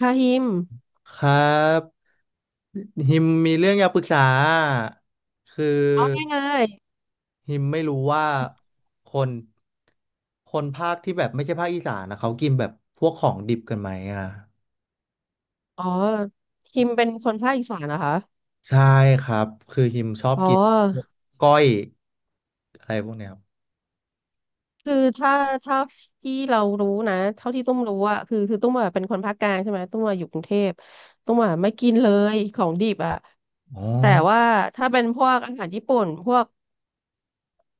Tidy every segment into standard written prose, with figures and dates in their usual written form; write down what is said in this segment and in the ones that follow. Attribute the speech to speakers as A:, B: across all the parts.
A: ฮาฮิม
B: ครับฮิมมีเรื่องอยากปรึกษาคือ
A: เอาได้ไง
B: ฮิมไม่รู้ว่าคนคนภาคที่แบบไม่ใช่ภาคอีสานนะเขากินแบบพวกของดิบกันไหมอ่ะ
A: อ๋อฮิมเป็นคนภาคอีสานนะคะ
B: ใช่ครับคือฮิมชอบ
A: อ๋อ
B: กินพวกก้อยอะไรพวกเนี้ยครับ
A: คือถ้าถ้าที่เรารู้นะ เท่าที่ตุ้มรู้อะคือตุ้มอะเป็นคนภาคกลางใช่ไหม ตุ้มอะอยู่กรุงเทพตุ้มอะไม่กินเลยของดิบอะ
B: อ๋อ
A: แต่ว่าถ้าเป็นพวกอาหารญี่ปุ่นพวก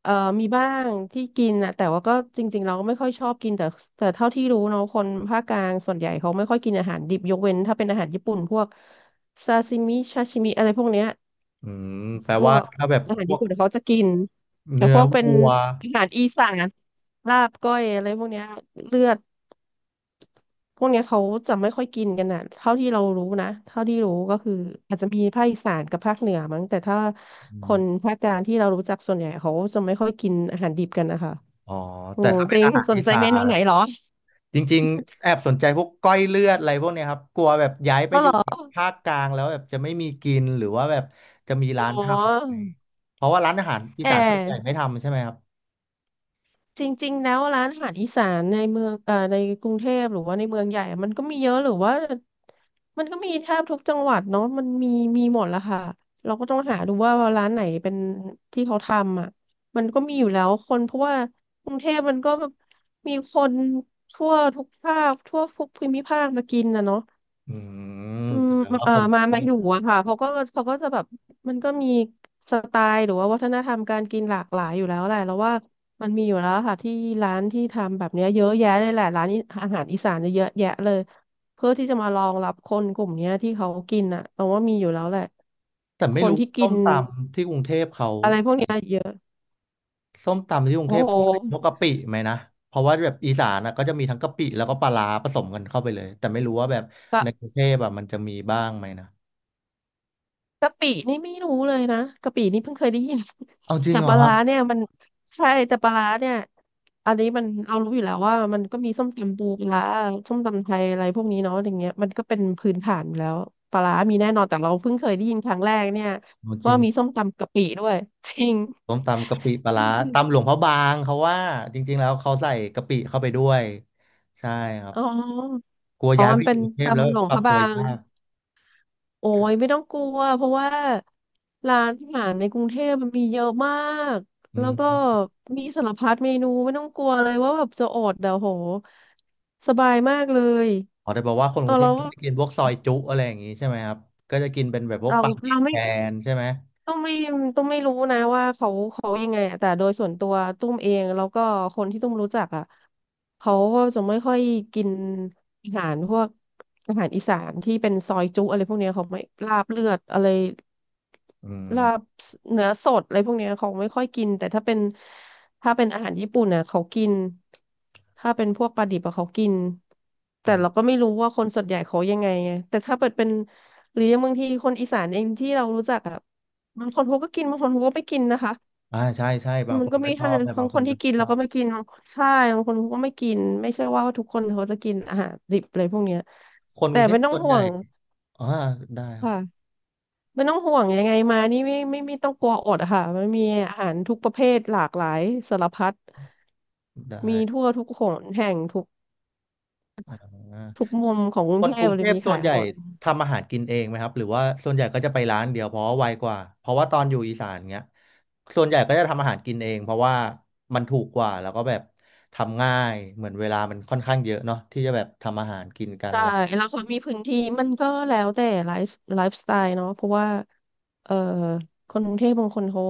A: เอ่อมีบ้างที่กินอะแต่ว่าก็จริงๆเราก็ไม่ค่อยชอบกินแต่เท่าที่รู้เนาะคนภาคกลางส่วนใหญ่เขาไม่ค่อยกินอาหารดิบยกเว้นถ้าเป็นอาหารญี่ปุ่นพวกซาซิมิชาชิมิอะไรพวกเนี้ย
B: อืมแปล
A: พว
B: ว่า
A: ก
B: ถ้าแบบ
A: อาหาร
B: พว
A: ญี่
B: ก
A: ปุ่นเขาจะกินแต่
B: เนื้
A: พ
B: อ
A: วกเป็น
B: วัว
A: อาหารอีสานลาบก้อยอะไรพวกเนี้ยเลือดพวกเนี้ยเขาจะไม่ค่อยกินกันอ่ะเท่าที่เรารู้นะเท่าที่รู้ก็คืออาจจะมีภาคอีสานกับภาคเหนือมั้งแต่ถ้า
B: อ
A: คน
B: ม
A: ภาคกลางที่เรารู้จักส่วนใหญ่เขาจะไม่ค่อยกินอาหารดิบกันนะคะ
B: อ๋อ
A: โอ้
B: แต่ถ้าเป็
A: ติ
B: น
A: ง
B: อาหาร
A: สน
B: อี
A: ใจ
B: สา
A: เมนูไหน
B: น
A: เหรอ
B: จริงๆแอบสนใจพวกก้อยเลือดอะไรพวกเนี้ยครับกลัวแบบย้ายไป
A: ก็
B: อ
A: เหร
B: ยู่
A: อ
B: ภาคกลางแล้วแบบจะไม่มีกินหรือว่าแบบจะมี
A: อ๋อ
B: ร้านทำเพราะว่าร้านอาหารอี
A: แ
B: สานส่วนใหญ่
A: อ
B: ไม่ทำใช่ไหมครับ
A: จริงๆ แล้วร้านอาหารอีสานในเมืองในกรุงเทพหรือว่าในเมืองใหญ่อะมันก็มีเยอะหรือว่ามันก็มีแทบทุกจังหวัดเนาะมันมีมีหมดแล้วค่ะเราก็ต้องหาดูว่าร้านไหนเป็นที่เขาทำอ่ะมันก็มีอยู่แล้วคนเพราะว่ากรุงเทพมันก็มีคนทั่วทุกภาคทั่วทุกภูมิภาคมากินนะเนาะ
B: อืม
A: อืม
B: แต่ว่าคนก
A: มา
B: รุงเท
A: มาอยู่
B: พ
A: อะค่ะเขาก็จะแบบมันก็มีสไตล์หรือว่าวัฒนธรรมการกินหลากหลายอยู่แล้วแหละแล้วว่ามันมีอยู่แล้วค่ะที่ร้านที่ทำแบบเนี้ยเยอะแยะเลยแหละร้านนี้อาหารอีสานเนี่ยเยอะแยะเลยเพื่อที่จะมารองรับคนกลุ่มเนี้ยที่เขากินอะแต่ว่ามีอยู่แล้วแหละ
B: แต่
A: ค
B: ไม่
A: น
B: รู้
A: ที่กิ
B: ส้ม
A: น
B: ตำที่กรุงเทพเขาใส่ส้มตำที่กรุง
A: โอ้
B: เทพ
A: โห
B: เขาใส่พวกกะปิไหมนะเพราะว่าแบบอีสานนะก็จะมีทั้งกะปิแล้วก็ปลาร้าผสมกันเข้าไปเลยแต่ไม่รู้ว่าแบบในกรุงเทพแบบมันจะมีบ้างไหมนะ
A: กะปินี่ไม่รู้เลยนะกะปินี่เพิ่งเคยได้ยิน
B: เอาจ ริง
A: แต่
B: เหรอ
A: ปลา
B: ครั
A: ร้า
B: บ
A: เนี่ยมันใช่แต่ปลาร้าเนี่ยอันนี้มันเอารู้อยู่แล้วว่ามันก็มีส้มตำปูปลาร้าส้มตำไทยอะไรพวกนี้เนาะอย่างเงี้ยมันก็เป็นพื้นฐานอยู่แล้วปลาร้ามีแน่นอนแต่เราเพิ่งเคยได้ยินครั้งแรกเนี่ย
B: เอาจริ
A: ว่า
B: ง
A: มีส้มตำกะปิด้วย จริง
B: ส้มตำกะปิปลา
A: จริ
B: ร้า
A: งจริง
B: ตำหลวงพระบางเขาว่าจริงๆแล้วเขาใส่กะปิเข้าไปด้วยใช่ครับ
A: อ๋อ
B: กลัว
A: อ๋อ
B: ย้าย
A: มั
B: ไป
A: น
B: อ
A: เป็
B: ยู่
A: น
B: กรุงเทพแล้ว
A: ตำหลวง
B: ป
A: พ
B: รับ
A: ระ
B: ตั
A: บา
B: ว
A: ง
B: ยาก
A: โอ้ย
B: ใช่
A: ไม่ต้องกลัวเพราะว่าร้านอาหารในกรุงเทพมันมีเยอะมาก
B: อื
A: แล้วก็
B: ม
A: มีสารพัดเมนูไม่ต้องกลัวเลยว่าแบบจะอดเดี๋ยวโหสบายมากเลย
B: อ๋อแต่บอกว่าคน
A: เอ
B: ก
A: อ
B: รุงเทพก็จะกินพวกซอยจุอะไรอย่างงี้ใช่ไหมครับก็จะกินเป็นแบบพวก
A: เรา
B: ปลาดิ
A: เรา
B: บแท
A: ไม่
B: นใช่ไหม
A: ตุ้มไม่ตุ้มไม่รู้นะว่าเขายังไงอะแต่โดยส่วนตัวตุ้มเองแล้วก็คนที่ตุ้มรู้จักอ่ะเขาก็จะไม่ค่อยกินอาหารพวกอาหารอีสานที่เป็นซอยจุอะไรพวกเนี้ยเขาไม่ลาบเลือดอะไร
B: อื
A: ลาบ
B: ม
A: เนื้อสดอะไรพวกเนี้ยเขาไม่ค่อยกินแต่ถ้าเป็นถ้าเป็นอาหารญี่ปุ่นน่ะเขากินถ้าเป็นพวกปลาดิบอะเขากิน
B: อื
A: แต่เราก็
B: ม
A: ไม่รู้ว่าคนส่วนใหญ่เขายังไงไงแต่ถ้าเปิดเป็นหรือยังบางทีคนอีสานเองที่เรารู้จักอะ บางคนเขาก็กินบางคนเขาก็ไม่กินนะคะ
B: อ่าใช่ใช่บาง
A: มั
B: ค
A: น
B: น
A: ก็
B: ก็
A: มี
B: ชอ
A: ทั้ง
B: บแต่
A: ทั้
B: บา
A: ง
B: งค
A: ค
B: น
A: น
B: ก็
A: ที่
B: ไม่
A: กิน
B: ช
A: แล้
B: อ
A: วก็
B: บ
A: ไม่กินใช่บางคนเขาก็ไม่กินไม่ใช่ว่าทุกคนเขาจะกินอาหารดิบอะไรพวกเนี้ย
B: คนก
A: แต่
B: รุงเท
A: ไม่
B: พ
A: ต้อง
B: ส่วน
A: ห่
B: ให
A: ว
B: ญ่
A: ง
B: อ่าได้ครับ
A: ค่ะไม่ต้องห่วงยังไงมานี่ไม่ต้องกลัวอดอะค่ะมันมีอาหารทุกประเภทหลากหลายสารพัด
B: ได้
A: มีทั่วทุกหนแห่งทุก
B: อ่
A: ทุ
B: า
A: กมุมของกรุ
B: ค
A: ง
B: น
A: เท
B: ก
A: พ
B: รุง
A: เล
B: เท
A: ย
B: พ
A: มี
B: ส่ว
A: ขา
B: น
A: ย
B: ให
A: ห
B: ญ่
A: มด
B: ทำอาหารกินเองไหมครับหรือว่าส่วนใหญ่ก็จะไปร้านเดียวเพราะว่าไวกว่าเพราะว่าตอนอยู่อีสานเงี้ยส่วนใหญ่ก็จะทำอาหารกินเองเพราะว่ามันถูกกว่าแล้วก็แบบทำง่ายเหมือนเวลามันค่อนข้างเยอะเนาะที่จะแบบทำอาหารกินกัน
A: ใช่
B: อะไร
A: แล้วเขามีพื้นที่มันก็แล้วแต่ไลฟ์สไตล์เนาะเพราะว่าเอ่อคนกรุงเทพบางคนเขา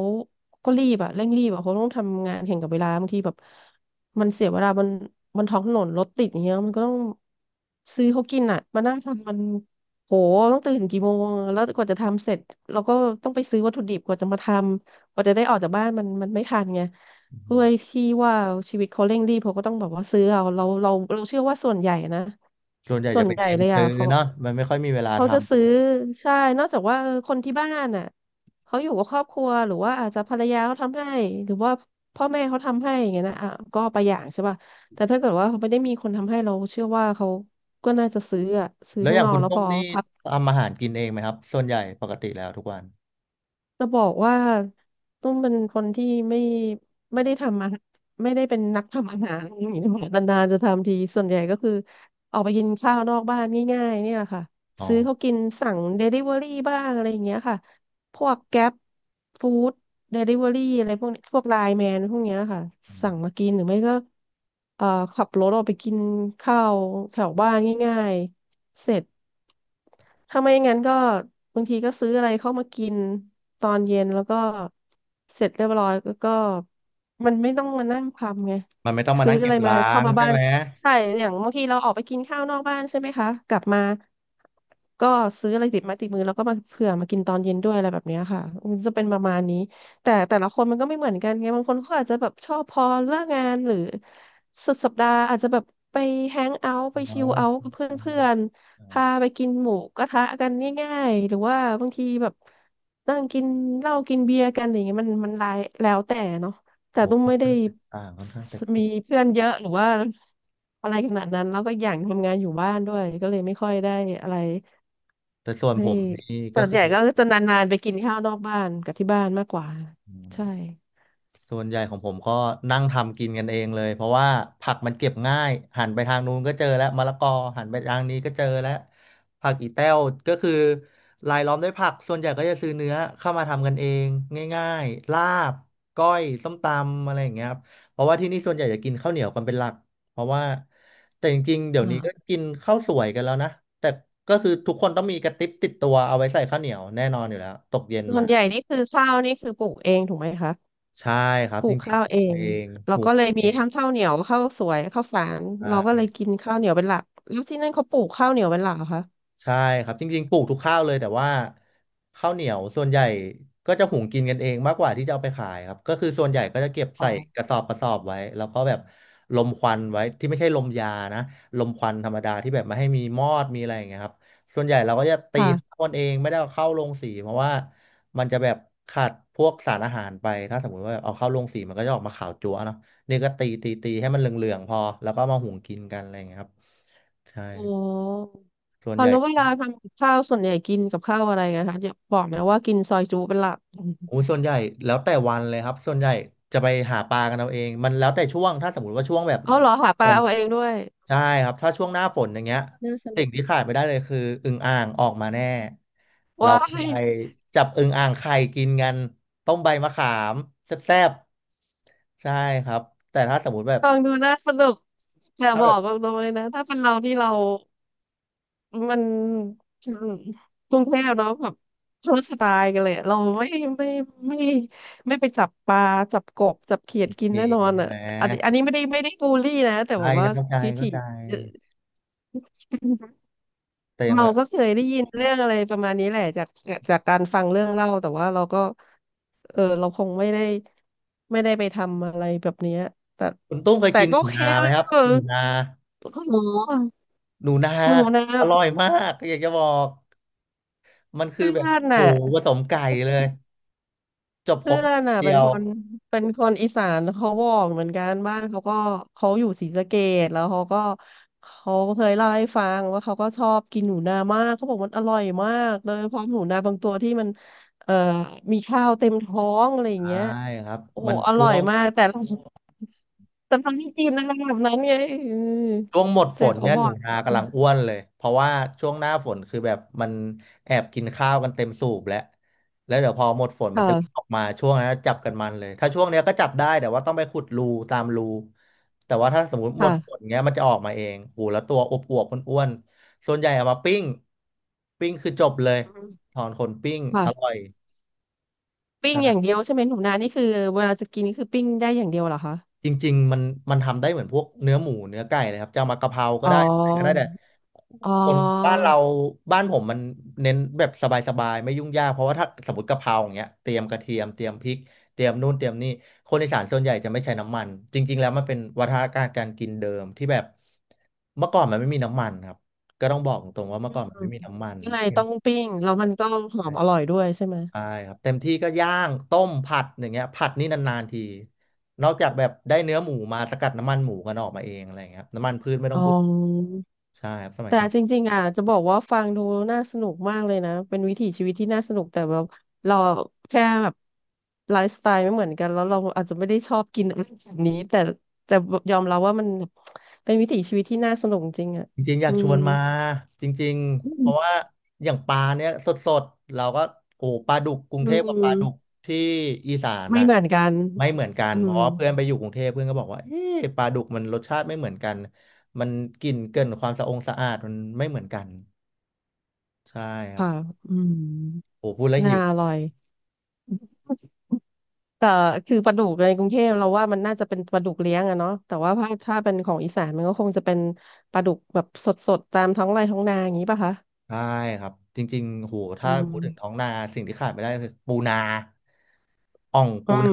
A: ก็รีบอะเร่งรีบอะเขาต้องทำงานแข่งกับเวลาบางทีแบบมันเสียเวลาบนท้องถนนรถติดอย่างเงี้ยมันก็ต้องซื้อเขากินอะมานั่งทำมันโหต้องตื่นกี่โมงแล้วกว่าจะทำเสร็จเราก็ต้องไปซื้อวัตถุดิบกว่าจะมาทำกว่าจะได้ออกจากบ้านมันไม่ทันไง
B: อื
A: ด้
B: ม
A: วยที่ว่าชีวิตเขาเร่งรีบเขาก็ต้องแบบว่าซื้อเอาเราเชื่อว่าส่วนใหญ่นะ
B: ส่วนใหญ่
A: ส่
B: จะ
A: วน
B: เป็น
A: ใหญ่
B: เน้น
A: เลย
B: ซื้
A: อ่ะ
B: อ
A: เขา
B: เนาะมันไม่ค่อยมีเวลา
A: เขา
B: ท
A: จะซื้อใช่นอกจากว่าเออคนที่บ้านอ่ะเขาอยู่กับครอบครัวหรือว่าอาจจะภรรยาเขาทำให้หรือว่าพ่อแม่เขาทำให้อย่างเงี้ยนะอ่ะก็ไปอย่างใช่ป่ะแต่ถ้าเกิดว่าเขาไม่ได้มีคนทำให้เราเชื่อว่าเขาก็น่าจะซื้ออ่ะซื้
B: ำ
A: อ
B: แล้ว
A: ข้า
B: อ
A: ง
B: ย่าง
A: นอ
B: คุ
A: ก
B: ณ
A: แล้ว
B: ส้
A: พ
B: ม
A: อ
B: นี่
A: พัก
B: ทำอาหารกินเองไหมครับส่วนใหญ่ปกติแล้วทุกวัน
A: จะบอกว่าตุ้มเป็นคนที่ไม่ได้ทำอาหารไม่ได้เป็นนักทำอาหารอย่างนี้นะคะนานๆจะทำทีส่วนใหญ่ก็คือออกไปกินข้าวนอกบ้านง่ายๆเนี่ยค่ะ
B: อ๋อ
A: ซื้อเขากินสั่งเดลิเวอรี่บ้างอะไรอย่างเงี้ยค่ะพวกแก๊ปฟู้ดเดลิเวอรี่อะไรพวกนี้พวกไลน์แมนพวกเนี้ยค่ะ
B: อื
A: สั่
B: ม
A: งมากินหรือไม่ก็เอ่อขับรถออกไปกินข้าวแถวบ้านง่ายๆ เสร็จถ้าไม่งั้นก็บางทีก็ซื้ออะไรเข้ามากินตอนเย็นแล้วก็เสร็จเรียบร้อยแล้วก็มันไม่ต้องมานั่งทำไง
B: มันไม่ต้องมา
A: ซื้อ
B: นั่ง
A: อะ
B: เก็
A: ไร
B: บ
A: มา
B: ล้า
A: เข้า
B: ง
A: มา
B: ใช่
A: บ้าน
B: ไหม
A: ใช่อย่างบางทีเราออกไปกินข้าวนอกบ้านใช่ไหมคะกลับมาก็ซื้ออะไรติดไม้ติดมือแล้วก็มาเผื่อมากินตอนเย็นด้วยอะไรแบบเนี้ยค่ะมันจะเป็นประมาณนี้แต่แต่ละคนมันก็ไม่เหมือนกันไงบางคนเขาอาจจะแบบชอบพอเลิกงานหรือสุดสัปดาห์อาจจะแบบไปแฮงเอาท์ไป
B: อ๋อ
A: ชิลเอาท์กับเพ
B: โอ
A: ื่อน
B: อ๋อ
A: ๆ พาไปกินหมูกระทะกันง่ายๆหรือว่าบางทีแบบนั่งกินเหล้ากินเบียร์กันอะไรย่างเงี้ยมันหลายแล้วแต่เนาะแต่
B: โอ้
A: ตุ้มไม่ได้
B: ต่างค่อนข้างแต
A: มี
B: ก
A: เพื่อนเยอะหรือว่าอะไรขนาดนั้นแล้วก็อย่างทำงานอยู่บ้านด้วยก็เลยไม่ค่อยได้อะไร
B: แต่ส่วน
A: ไม่
B: ผมนี่ก็
A: ส่วน
B: คื
A: ให
B: อ
A: ญ่ก็จะนานๆไปกินข้าวนอกบ้านกับที่บ้านมากกว่า
B: อื
A: ใช่
B: มส่วนใหญ่ของผมก็นั่งทำกินกันเองเลยเพราะว่าผักมันเก็บง่ายหันไปทางนู้นก็เจอแล้วมะละกอหันไปทางนี้ก็เจอแล้วผักอีแต้วก็คือรายล้อมด้วยผักส่วนใหญ่ก็จะซื้อเนื้อเข้ามาทำกันเองง่ายๆลาบก้อยส้มตำอะไรอย่างเงี้ยครับเพราะว่าที่นี่ส่วนใหญ่จะกินข้าวเหนียวกันเป็นหลักเพราะว่าแต่จริงๆเดี๋ยวนี้ก็
A: อ่า
B: กินข้าวสวยกันแล้วนะแต่ก็คือทุกคนต้องมีกระติบติดตัวเอาไว้ใส่ข้าวเหนียวแน่นอนอยู่แล้วตกเย็น
A: ส่ว
B: มา
A: นใหญ่นี่คือข้าวนี่คือปลูกเองถูกไหมคะ
B: ใช่ครั
A: ป
B: บ
A: ลู
B: จ
A: ก
B: ริง
A: ข้าวเอ
B: ๆตัว
A: ง
B: เองป
A: เรา
B: ลูก
A: ก็เลยมี
B: เอง
A: ทั้งข้าวเหนียวข้าวสวยข้าวฝานเราก็เล
B: ใช่
A: ยกินข้าวเหนียวเป็นหลักแล้วที่นั่นเขาปลูกข้าวเหนียวเป็นหลักเหรอคะ
B: ใช่ครับจริงๆปลูกทุกข้าวเลยแต่ว่าข้าวเหนียวส่วนใหญ่ก็จะหุงกินกันเองมากกว่าที่จะเอาไปขายครับก็คือส่วนใหญ่ก็จะเก็บ
A: อ๋อ
B: ใส่กระสอบไว้แล้วก็แบบลมควันไว้ที่ไม่ใช่ลมยานะลมควันธรรมดาที่แบบไม่ให้มีมอดมีอะไรอย่างเงี้ยครับส่วนใหญ่เราก็จะตีข้า
A: ค่ะ
B: วกันเองไม่ได้เอาเข้าโรงสีเพราะว่ามันจะแบบขาดพวกสารอาหารไปถ้าสมมุติว่าเอาเข้าโรงสีมันก็จะออกมาขาวจั๊วเนาะนี่ก็ตีให้มันเหลืองๆพอแล้วก็มาหุงกินกันอะไรอย่างเงี้ยครับใช่
A: อ๋อ
B: ส่ว
A: ต
B: น
A: อ
B: ให
A: น
B: ญ่
A: แล้วเวลาทำกับข้าวส่วนใหญ่กินกับข้าวอะไรนะคะอย่าบอกนะว่ากินซอยจุเป็นหลัก
B: โอ้ส่วนใหญ่แล้วแต่วันเลยครับส่วนใหญ่จะไปหาปลากันเอาเองมันแล้วแต่ช่วงถ้าสมมติว่าช่วงแบบ
A: เอาเหรอหาป
B: โอ้
A: ลาเอาเองด้วย
B: ใช่ครับถ้าช่วงหน้าฝนอย่างเงี้ย
A: น่าส
B: สิ่
A: นุ
B: ง
A: ก
B: ที่ขาดไม่ได้เลยคืออึ่งอ่างออกมาแน่
A: ว้าย
B: ไปจับอึ่งอ่างไข่กินกันต้มใบมะขามแซ่บๆใช่ครับแต่ถ้าสมมติแบบ
A: ฟองดูน่าสนุกแต่
B: ถ้า
A: บ
B: แบ
A: อ
B: บ
A: กตรงๆเลยนะถ้าเป็นเราที่เรา มันกรุงเทพเนาะแบบคนละสไตล์กันเลยอะเราไม่ไม่ไม่ไปจับปลาจับกบจับเขียดกิน
B: มี
A: แน่นอน
B: ใช่
A: อ่ะ
B: ไหม
A: อันนี้ไม่ได้บูลลี่นะแต่
B: ใช่
A: แบบ
B: จะ
A: ว่า
B: เข้าใจ
A: วิถี
B: เข้าใจ แต่อย่าง
A: เรา
B: แบบ
A: ก็เคยได้ยินเรื่องอะไรประมาณนี้แหละจากการฟังเรื่องเล่าแต่ว่าเราก็เออเราคงไม่ได้ไปทำอะไรแบบเนี้ยแต่
B: คุณตุ้มเคย
A: แต่
B: กิน
A: ก็
B: ห
A: โอ
B: นู
A: เค
B: นาไหม
A: นะ
B: ครับ
A: ก็เออ
B: หนูนา
A: โอ้โห
B: หนูนา
A: หนูนะ
B: อ
A: เ
B: ร่อยมากอยากจะบอก มันคือ
A: พื่
B: แบบ
A: อน
B: หมู
A: น่ะ
B: ผสมไก่เลยจบค
A: เพื่
B: ร
A: อ
B: บ
A: นอ่ะ
B: เดี
A: เป็
B: ย
A: น
B: ว
A: คนเป็นคนอีสานเขาบอกเหมือนกันบ้านเขาก็เขาอยู่ศรีสะเกษแล้วเขาก็เขาเคยเล่าให้ฟังว่าเขาก็ชอบกินหนูนามากเขาบอกมันอร่อยมากโดยเฉพาะหนูนาบางตัวที่มันเอ่อมีข้าวเต็มท้องอะไรอย่าง
B: ใช่
A: เงี้ย
B: ครับ
A: โอ้โห
B: มัน
A: อ
B: ช่
A: ร่อย
B: วง
A: มากแต่เราแต่เราไม่กินอะไรแบบนั้นไงอืม
B: ช่วงหมดฝ
A: แต่
B: น
A: เขา
B: เนี่ย
A: บ
B: ห
A: อ
B: นู
A: ก
B: นากำลังอ้วนเลยเพราะว่าช่วงหน้าฝนคือแบบมันแอบกินข้าวกันเต็มสูบแล้วแล้วเดี๋ยวพอหมดฝนมันจะเริ่มอ
A: ค่ะ
B: อกมาช่วงนั้นจับกันมันเลยถ้าช่วงเนี้ยก็จับได้แต่ว่าต้องไปขุดรูตามรูแต่ว่าถ้าสมมติหมดฝ
A: ค่ะ
B: นเงี้ยมันจะออกมาเองโอ้แล้วตัวอวบอวบอ้วนๆส่วนใหญ่เอามาปิ้งปิ้งคือจบเลยถอนขนปิ้งอร่อ
A: ค่ะ
B: ย
A: ปิ้งอย่าง
B: ใช่
A: เดียวใช่ไหมหนูนานี่คือเวลาจะกินนี่คือปิ้งได้อย่างเดียวเหรอคะ
B: จริงๆมันทำได้เหมือนพวกเนื้อหมูเนื้อไก่เลยครับจะเอามากะเพราก็
A: อ๋
B: ได้อะไรก็ได้
A: อ
B: แต่
A: อ๋อ
B: คนบ้านเราบ้านผมมันเน้นแบบสบายๆไม่ยุ่งยากเพราะว่าถ้าสมมติกะเพราอย่างเงี้ยเตรียมกระเทียมเตรียมพริกเตรียมนู่นเตรียมนี่คนอีสานส่วนใหญ่จะไม่ใช้น้ำมันจริงๆแล้วมันเป็นวัฒนธรรมการกินเดิมที่แบบเมื่อก่อนมันไม่มีน้ำมันครับก็ต้องบอกตรงๆว่าเมื่
A: อื
B: อก่อนมัน
A: ม
B: ไม่มีน้ำมัน
A: ยังไงต้องปิ้งแล้วมันก็หอมอร่อยด้วยใช่ไหม
B: ใช่ครับเต็มที่ก็ย่างต้มผัดอย่างเงี้ยผัดนี่นานๆทีนอกจากแบบได้เนื้อหมูมาสกัดน้ำมันหมูกันออกมาเองอะไรอย่างเงี้ยครับน้ำมันพืชไม่ต้อ
A: อ๋
B: ง
A: อ
B: พูดใช่ครับสมัย
A: แต่
B: ก่อ
A: จ
B: น
A: ริงๆอ่ะจะบอกว่าฟังดูน่าสนุกมากเลยนะเป็นวิถีชีวิตที่น่าสนุกแต่แบบเราแค่แบบไลฟ์สไตล์ไม่เหมือนกันแล้วเราอาจจะไม่ได้ชอบกินอะไรแบบนี้แต่ยอมรับว่ามันเป็นวิถีชีวิตที่น่าสนุกจริงอ่ะ
B: จริงๆอยา
A: อื
B: กช
A: ม
B: วนมาจริงๆเพราะว่าอย่างปลาเนี้ยสดๆเราก็โอ้ปลาดุกกรุง
A: อื
B: เทพกับปลา
A: ม
B: ดุกที่อีสาน
A: ไม่
B: น่ะ
A: เหมือนกัน
B: ไม่เหมือนกัน
A: อื
B: เพ
A: ม
B: ราะว่าเพื่อนไปอยู่กรุงเทพเพื่อนก็บอกว่าเอ๊ะปลาดุกมันรสชาติไม่เหมือนกันมันกลิ่นเกินความสะองสะอาดมันไม่เหมือนกันใช่ครับ
A: ค่ะอืม
B: โอ้พูดแล้ว
A: น่า
B: หิว
A: อร่อย แต่คือปลาดุกในกรุงเทพเราว่ามันน่าจะเป็นปลาดุกเลี้ยงอะเนาะแต่ว่าถ้าเป็นของอีสานมันก็คงจะเป็นปลาดุกแบบสดๆตามท้องไร่ท้องนาอย่างนี้ป่ะคะ
B: ใช่ครับจริงๆโห
A: อื
B: ถ้าพู
A: ม
B: ดถึงท้องนาสิ่งที่ขาดไม่ได้คือปูนาอ่อง
A: อื
B: ปู
A: ม
B: นา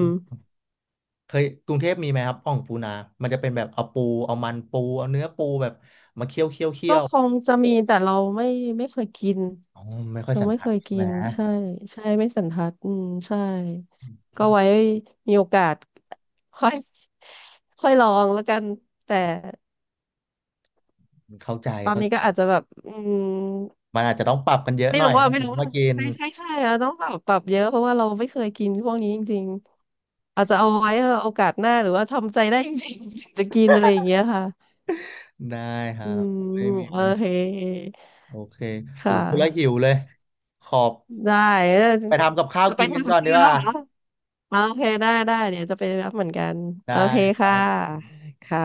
B: เคยกรุงเทพมีไหมครับอ่องปูนามันจะเป็นแบบเอาปูเอามันปูเอาเนื้อปูแบบมาเคี่ยวเคี่ยวเคี่
A: ก็
B: ยว
A: คงจะมีแต่เราไม่เคยกิน
B: อ๋อไม่ค่อย
A: เรา
B: สัน
A: ไม่
B: ทั
A: เค
B: ด
A: ย
B: ใช่
A: กิ
B: ไหม
A: นใช่ใช่ไม่สันทัดอืมใช่ก็ไว้มีโอกาสค่อย ค่อยลองแล้วกันแต่
B: เข้าใจ
A: ตอน
B: เข้า
A: นี้
B: ใจ
A: ก็อาจจะแบบอืม
B: มันอาจจะต้องปรับกันเยอะ
A: ไม่
B: หน่อย
A: รู้ว่า
B: นะ
A: ไม่
B: ผม
A: รู้ว่า
B: มากิน
A: ใช่ใช่ใช่อะต้องปรับเยอะเพราะว่าเราไม่เคยกินพวกนี้จริงๆอาจจะเอาไว้เออโอกาสหน้าหรือว่าทำใจได้จริงๆถึงจะกินอะไรอย่างเงี้ยค่ะ
B: ได้ครั
A: อื
B: บไม่
A: ม
B: มี
A: โอ
B: มัน
A: เค
B: โอเคโอ้
A: ค่ะ
B: โหพูดแล้วหิวเลยขอบ
A: ได้เออ
B: ไปทำกับข้าว
A: จะไป
B: กินกัน
A: ทำกั
B: ก่
A: บ
B: อน
A: ข
B: ดีก
A: ้า
B: ว่า
A: ววเหรอโอเคได้ได้เดี๋ยวจะไปรับเหมือนกัน
B: ได้
A: โอเค
B: ครั
A: ค่ะ
B: บ
A: ค่ะ